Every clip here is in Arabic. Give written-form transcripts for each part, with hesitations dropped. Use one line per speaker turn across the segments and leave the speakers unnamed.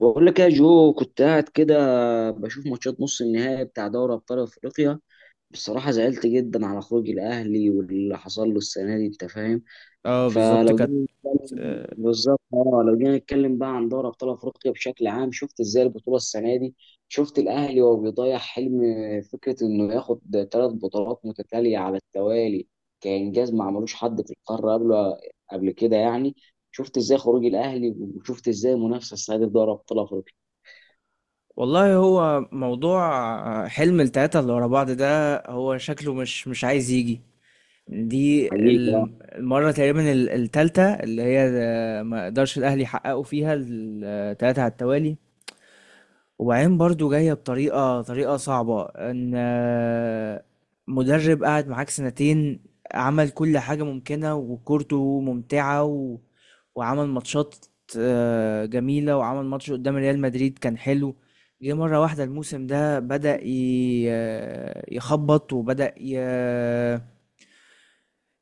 بقول لك يا جو، كنت قاعد كده بشوف ماتشات نص النهائي بتاع دوري ابطال افريقيا. بصراحه زعلت جدا على خروج الاهلي واللي حصل له السنه دي، انت فاهم.
اه، بالظبط
فلو
كانت.
جينا نتكلم
آه،
بالظبط، اه، لو جينا نتكلم بقى عن دوري ابطال افريقيا بشكل عام. شفت ازاي البطوله السنه دي، شفت الاهلي وهو بيضيع حلم فكره انه ياخد ثلاث بطولات متتاليه على التوالي كانجاز ما عملوش حد في القاره قبل كده يعني. شفت ازاي خروج الاهلي وشفت ازاي المنافسه السنه دي في دوري ابطال افريقيا.
والله، هو موضوع حلم التلاتة اللي ورا بعض ده، هو شكله مش عايز يجي. دي
حقيقي آه.
المرة تقريبا التالتة اللي هي ما قدرش الأهلي يحققوا فيها التلاتة على التوالي. وبعدين برضو جاية بطريقة صعبة، ان مدرب قعد معاك سنتين، عمل كل حاجة ممكنة وكورته ممتعة وعمل ماتشات جميلة، وعمل ماتش قدام ريال مدريد كان حلو. جه مرة واحدة الموسم ده بدأ ي... آه، يخبط، وبدأ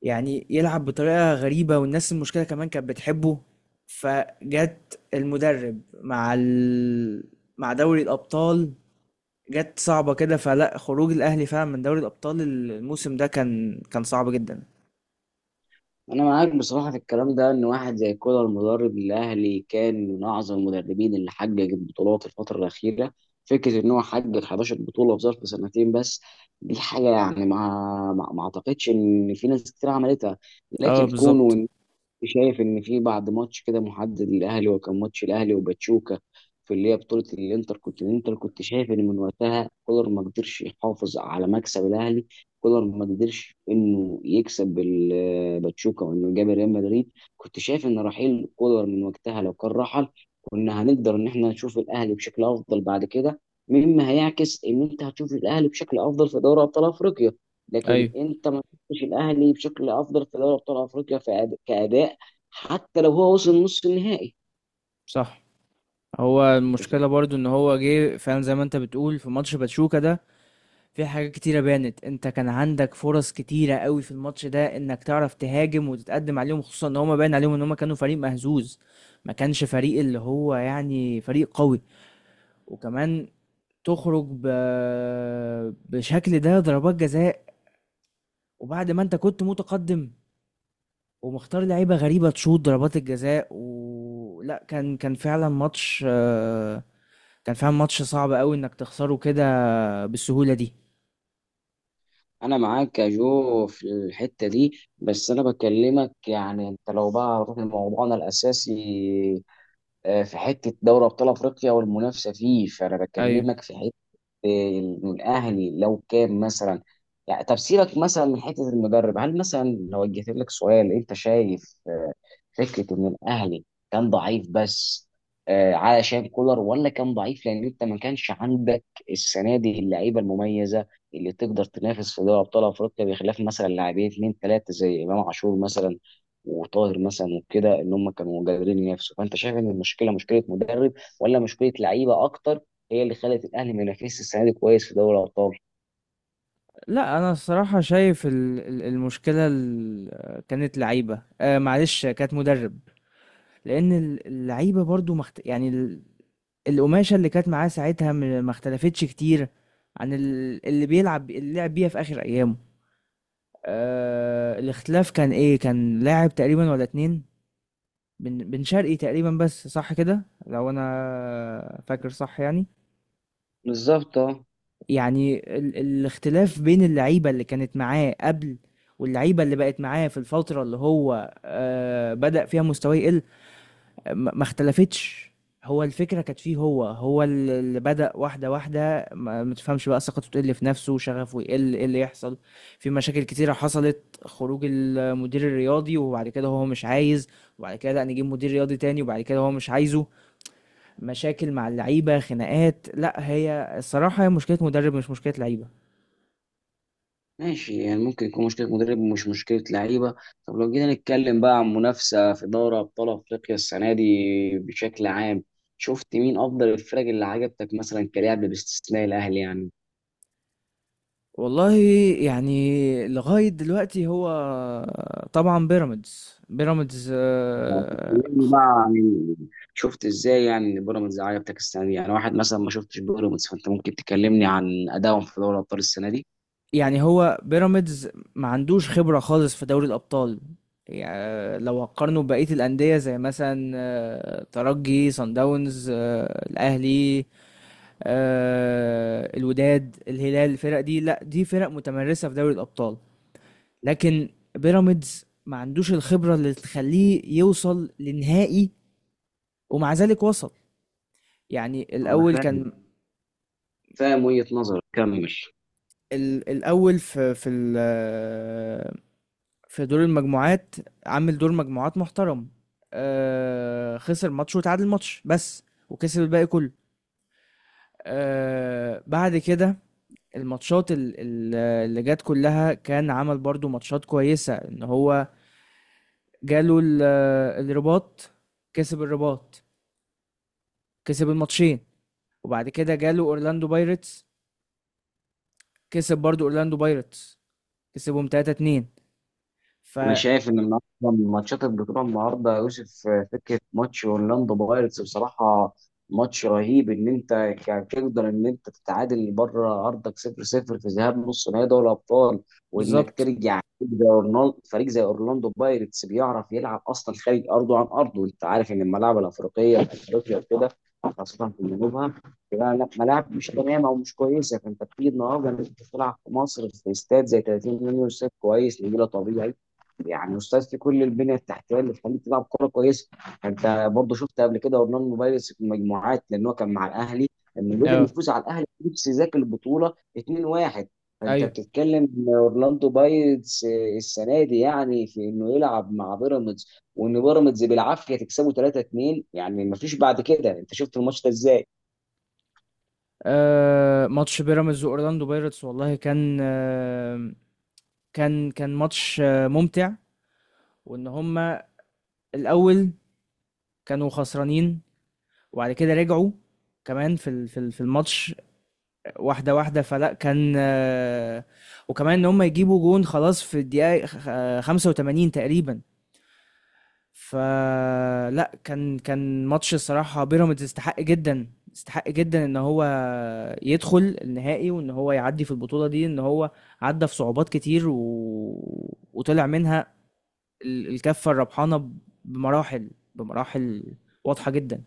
يعني يلعب بطريقة غريبة، والناس المشكلة كمان كانت بتحبه. فجت المدرب مع دوري الأبطال، جت صعبة كده. فلا خروج الأهلي فعلا من دوري الأبطال الموسم ده كان صعب جدا.
انا معاك بصراحه في الكلام ده، ان واحد زي كولر المدرب الاهلي كان من اعظم المدربين اللي حقق بطولات الفتره الاخيره. فكره ان هو حقق 11 بطوله في ظرف سنتين بس، دي حاجه يعني ما اعتقدش ان في ناس كتير عملتها.
اه،
لكن
بالظبط.
كونه شايف ان في بعد ماتش كده محدد للاهلي، وكان ماتش الاهلي وباتشوكا في اللي هي بطوله الانتر كنت الانتر كنت شايف ان من وقتها كولر ما قدرش يحافظ على مكسب الاهلي. كولر ما قدرش انه يكسب باتشوكا وانه جاب ريال مدريد. كنت شايف ان رحيل كولر من وقتها لو كان رحل، كنا هنقدر ان احنا نشوف الاهلي بشكل افضل بعد كده، مما هيعكس ان انت هتشوف الاهلي بشكل افضل في دوري ابطال افريقيا. لكن
ايوه.
انت ما شفتش الاهلي بشكل افضل في دوري ابطال افريقيا في كاداء، حتى لو هو وصل نص النهائي.
صح. هو
انت فاهم.
المشكله برضو ان هو جه فعلا زي ما انت بتقول في ماتش باتشوكا ده. في حاجات كتيره بانت، انت كان عندك فرص كتيره قوي في الماتش ده، انك تعرف تهاجم وتتقدم عليهم، خصوصا ان هما باين عليهم ان هما كانوا فريق مهزوز. ما كانش فريق اللي هو يعني فريق قوي، وكمان تخرج بشكل ده ضربات جزاء، وبعد ما انت كنت متقدم ومختار لعيبة غريبة تشوط ضربات الجزاء. ولا كان فعلا ماتش صعب قوي انك تخسره كده بالسهولة دي.
انا معاك يا جو في الحته دي. بس انا بكلمك يعني، انت لو بقى رحنا لموضوعنا الاساسي، في حته دوري ابطال افريقيا والمنافسه فيه، فانا
ايوه.
بكلمك في ان الاهلي لو كان مثلا، يعني طب سيبك مثلا من حته المدرب. هل مثلا لو وجهت لك سؤال، انت شايف فكره ان الاهلي كان ضعيف بس علشان كولر، ولا كان ضعيف لان انت ما كانش عندك السنه دي اللعيبه المميزه اللي تقدر تنافس في دوري ابطال افريقيا، بخلاف مثلا لاعبين اثنين ثلاثه زي امام عاشور مثلا، وطاهر مثلا وكده، ان هم كانوا قادرين ينافسوا. فانت شايف ان المشكله مشكله مدرب ولا مشكله لعيبه اكتر هي اللي خلت الاهلي ما ينافسش السنه دي كويس في دوري الابطال؟
لا، انا الصراحة شايف المشكلة كانت لعيبة، معلش، كانت مدرب. لان اللعيبة برضو يعني القماشة اللي كانت معاه ساعتها ما اختلفتش كتير عن اللي لعب بيها في اخر ايامه. الاختلاف كان ايه؟ كان لاعب تقريبا ولا اتنين، بن شرقي تقريبا، بس صح كده لو انا فاكر، صح يعني.
بالظبط اه.
يعني الاختلاف بين اللعيبه اللي كانت معاه قبل، واللعيبه اللي بقت معاه في الفتره اللي هو بدأ فيها مستواه يقل، ما اختلفتش. هو الفكره كانت فيه، هو اللي بدأ واحده واحده ما تفهمش بقى ثقته تقل في نفسه، شغفه يقل، ايه اللي يحصل. في مشاكل كتيره حصلت، خروج المدير الرياضي وبعد كده هو مش عايز، وبعد كده لا نجيب مدير رياضي تاني وبعد كده هو مش عايزه، مشاكل مع اللعيبه، خناقات. لا، هي الصراحه هي مشكله مدرب مش مشكله لعيبه.
ماشي، يعني ممكن يكون مشكلة مدرب ومش مشكلة لعيبة. طب لو جينا نتكلم بقى عن منافسة في دوري أبطال أفريقيا السنة دي بشكل عام، شفت مين أفضل الفرق اللي عجبتك مثلا كلاعب باستثناء الأهلي يعني؟
والله، يعني لغايه دلوقتي هو طبعا بيراميدز،
تكلمني بقى عن شفت إزاي يعني إن بيراميدز عجبتك السنة دي؟ يعني واحد مثلا ما شفتش بيراميدز، فأنت ممكن تكلمني عن أدائهم في دوري الأبطال السنة دي.
يعني هو بيراميدز ما عندوش خبره خالص في دوري الابطال. يعني لو هقارنه ببقيه الانديه زي مثلا ترجي، صن داونز، الاهلي، الوداد، الهلال، الفرق دي، لا، دي فرق متمرسه في دوري الابطال. لكن بيراميدز ما عندوش الخبرة اللي تخليه يوصل لنهائي، ومع ذلك وصل. يعني
أنا
الأول
فاهم.
كان
فاهم وجهة نظرك، كمل.
الأول في دور المجموعات، عامل دور مجموعات محترم. خسر ماتش وتعادل ماتش بس، وكسب الباقي كله. بعد كده الماتشات اللي جت كلها، كان عمل برضو ماتشات كويسة. ان هو جاله الرباط، كسب الرباط، كسب الماتشين، وبعد كده جاله اورلاندو بايرتس، كسب برضو اورلاندو بايرتس، كسبهم 3-2. ف
انا شايف ان النهارده من ماتشات البطوله النهارده يا يوسف، فكره ماتش اورلاندو بايرتس بصراحه ماتش رهيب، ان انت تقدر ان انت تتعادل بره ارضك 0-0 في ذهاب نص نهائي دوري الابطال، وانك
بالظبط.
ترجع فريق زي اورلاندو بايرتس بيعرف يلعب اصلا خارج ارضه عن ارضه. انت عارف ان الملاعب الافريقيه في افريقيا وكده، خاصه في جنوبها، لا، ملاعب مش تمام او مش كويسه. فانت بتيجي النهارده إن انت تلعب في مصر في استاد زي 30 مليون استاد كويس نجيله طبيعي، يعني استاذ في كل البنيه التحتيه اللي تخليك تلعب كوره كويسه. انت برضه شفت قبل كده ورنان موبايلس في المجموعات، لان هو كان مع الاهلي، انه قدر
اه.
يفوز على الاهلي نفس ذاك البطوله 2-1. فانت
ايوه.
بتتكلم إن اورلاندو بايرتس السنه دي، يعني في انه يلعب مع بيراميدز، وان بيراميدز بالعافيه تكسبه 3-2، يعني ما فيش بعد كده. انت شفت الماتش ده ازاي؟
آه ماتش بيراميدز واورلاندو بايرتس، والله كان ماتش ممتع، وان هما الاول كانوا خسرانين، وبعد كده رجعوا كمان في الماتش واحده واحده. فلا كان آه وكمان ان هما يجيبوا جون خلاص في الدقيقه 85 تقريبا. فلا كان ماتش. الصراحة بيراميدز استحق جدا، استحق جدا ان هو يدخل النهائي وان هو يعدي في البطولة دي، ان هو عدى في صعوبات كتير وطلع منها الكفة الربحانة بمراحل، بمراحل واضحة جدا.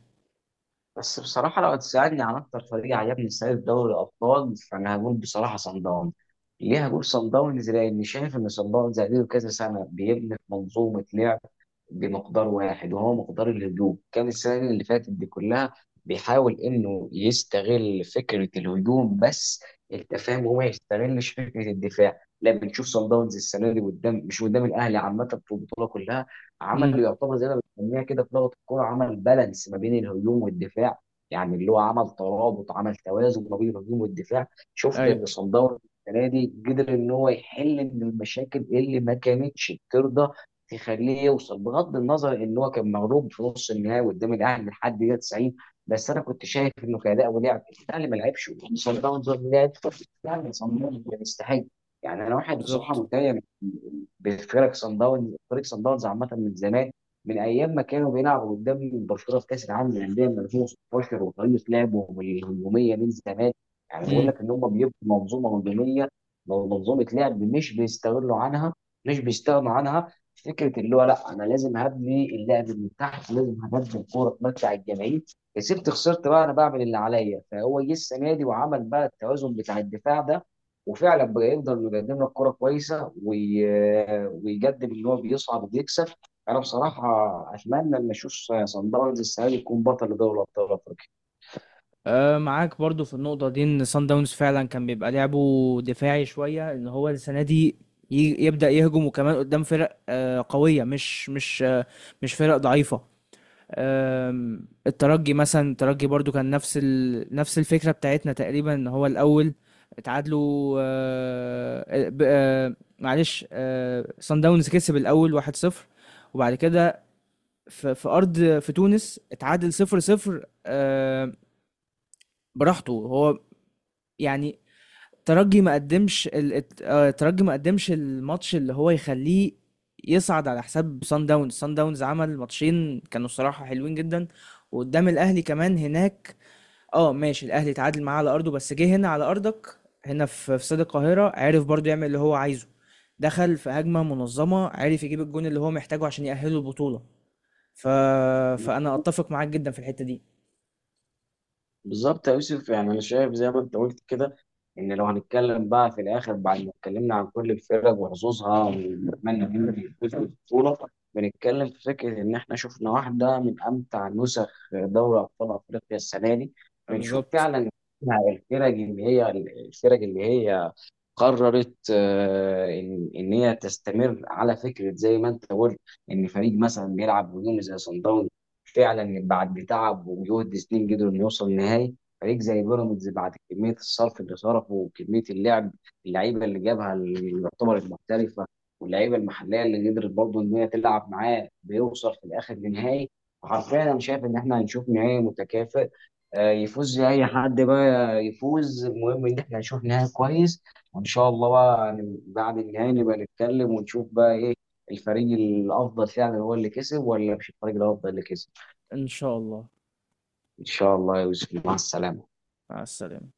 بس بصراحة لو هتسألني عن أكتر فريق عجبني السنة دي في دوري الأبطال، فأنا هقول بصراحة صن داونز. ليه هقول صن داونز؟ لأني شايف إن صن داونز زي كذا سنة بيبني في منظومة لعب بمقدار واحد وهو مقدار الهجوم. كان السنة اللي فاتت دي كلها بيحاول انه يستغل فكرة الهجوم بس، انت فاهم، هو ما يستغلش فكرة الدفاع. لا، بنشوف صن داونز السنة دي قدام، مش قدام الاهلي، عامة في البطولة كلها،
امم.
عمل يعتبر زي ما بنسميها كده في لغة الكورة عمل بالانس ما بين الهجوم والدفاع، يعني اللي هو عمل ترابط، عمل توازن ما بين الهجوم والدفاع. شفنا
ايوه.
ان صن داونز السنة دي قدر ان هو يحل من المشاكل اللي ما كانتش بترضى تخليه يوصل، بغض النظر ان هو كان مغلوب في نص النهائي قدام الاهلي لحد دقيقه 90. بس انا كنت شايف انه كاداء ولعب، الاهلي ما لعبش، صن داونز لعب. يعني صن داونز كان يستحق. يعني انا واحد بصراحه
بالظبط.
متضايق بفرق صن داونز، فريق صن داونز عامه من زمان، من ايام ما كانوا بيلعبوا قدام برشلونه في كاس العالم للانديه من 2016، وطريقه لعبهم الهجوميه من زمان. يعني بقول لك ان هم بيبقوا منظومه هجوميه، منظومه لعب مش بيستغنوا عنها. فكره اللي هو لا انا لازم هبني اللعب من تحت، لازم هبني الكوره تمتع الجماهير، كسبت خسرت بقى انا بعمل اللي عليا. فهو جه السنه دي وعمل بقى التوازن بتاع الدفاع ده، وفعلا بقى يقدر انه يقدم لك كوره كويسه، ويقدم ان هو بيصعد وبيكسب. انا بصراحه اتمنى ان اشوف صن داونز السنه دي يكون بطل لدوري ابطال افريقيا.
معاك برضو في النقطة دي ان سان داونز فعلا كان بيبقى لعبه دفاعي شوية، ان هو السنة دي يبدأ يهجم، وكمان قدام فرق قوية، مش فرق ضعيفة. الترجي مثلا، الترجي برضو كان نفس نفس الفكرة بتاعتنا تقريبا، ان هو الأول اتعادلوا أه آه، ب- أه معلش سان داونز كسب الأول 1-0. وبعد كده في أرض في تونس اتعادل 0-0. براحته هو، يعني ترجي ما قدمش الماتش اللي هو يخليه يصعد على حساب سان داونز. سان داونز عمل ماتشين كانوا صراحة حلوين جدا، وقدام الاهلي كمان هناك. اه، ماشي، الاهلي اتعادل معاه على ارضه، بس جه هنا على ارضك، هنا في استاد القاهرة عرف برضو يعمل اللي هو عايزه، دخل في هجمة منظمة، عرف يجيب الجون اللي هو محتاجه عشان يأهله البطولة. ف... فأنا أتفق معاك جدا في الحتة دي.
بالظبط يا يوسف، يعني انا شايف زي ما انت قلت كده، ان لو هنتكلم بقى في الاخر بعد ما اتكلمنا عن كل الفرق وحظوظها ونتمنى ان هي تفوز بالبطوله، بنتكلم في فكره ان احنا شفنا واحده من امتع نسخ دوري ابطال افريقيا السنه دي. بنشوف
بالظبط.
فعلا الفرق اللي هي قررت، ان هي تستمر، على فكره زي ما انت قلت، ان فريق مثلا بيلعب هجومي زي صن داونز فعلا بعد تعب وجهد سنين قدروا انه يوصل النهائي. فريق زي بيراميدز بعد كميه الصرف اللي صرفه وكميه اللعب، اللعيبه اللي جابها اللي يعتبرت محترفه، واللعيبه المحليه اللي قدرت برضه ان هي تلعب معاه، بيوصل في الاخر لنهائي. حرفيا انا شايف ان احنا هنشوف نهائي متكافئ، يفوز زي اي حد بقى يفوز، المهم ان احنا نشوف نهائي كويس. وان شاء الله بقى بعد النهائي نبقى نتكلم ونشوف بقى ايه الفريق الافضل، فعلا هو اللي كسب ولا مش الفريق الافضل اللي كسب.
إن شاء الله.
ان شاء الله يا يوسف، مع السلامة.
مع السلامة.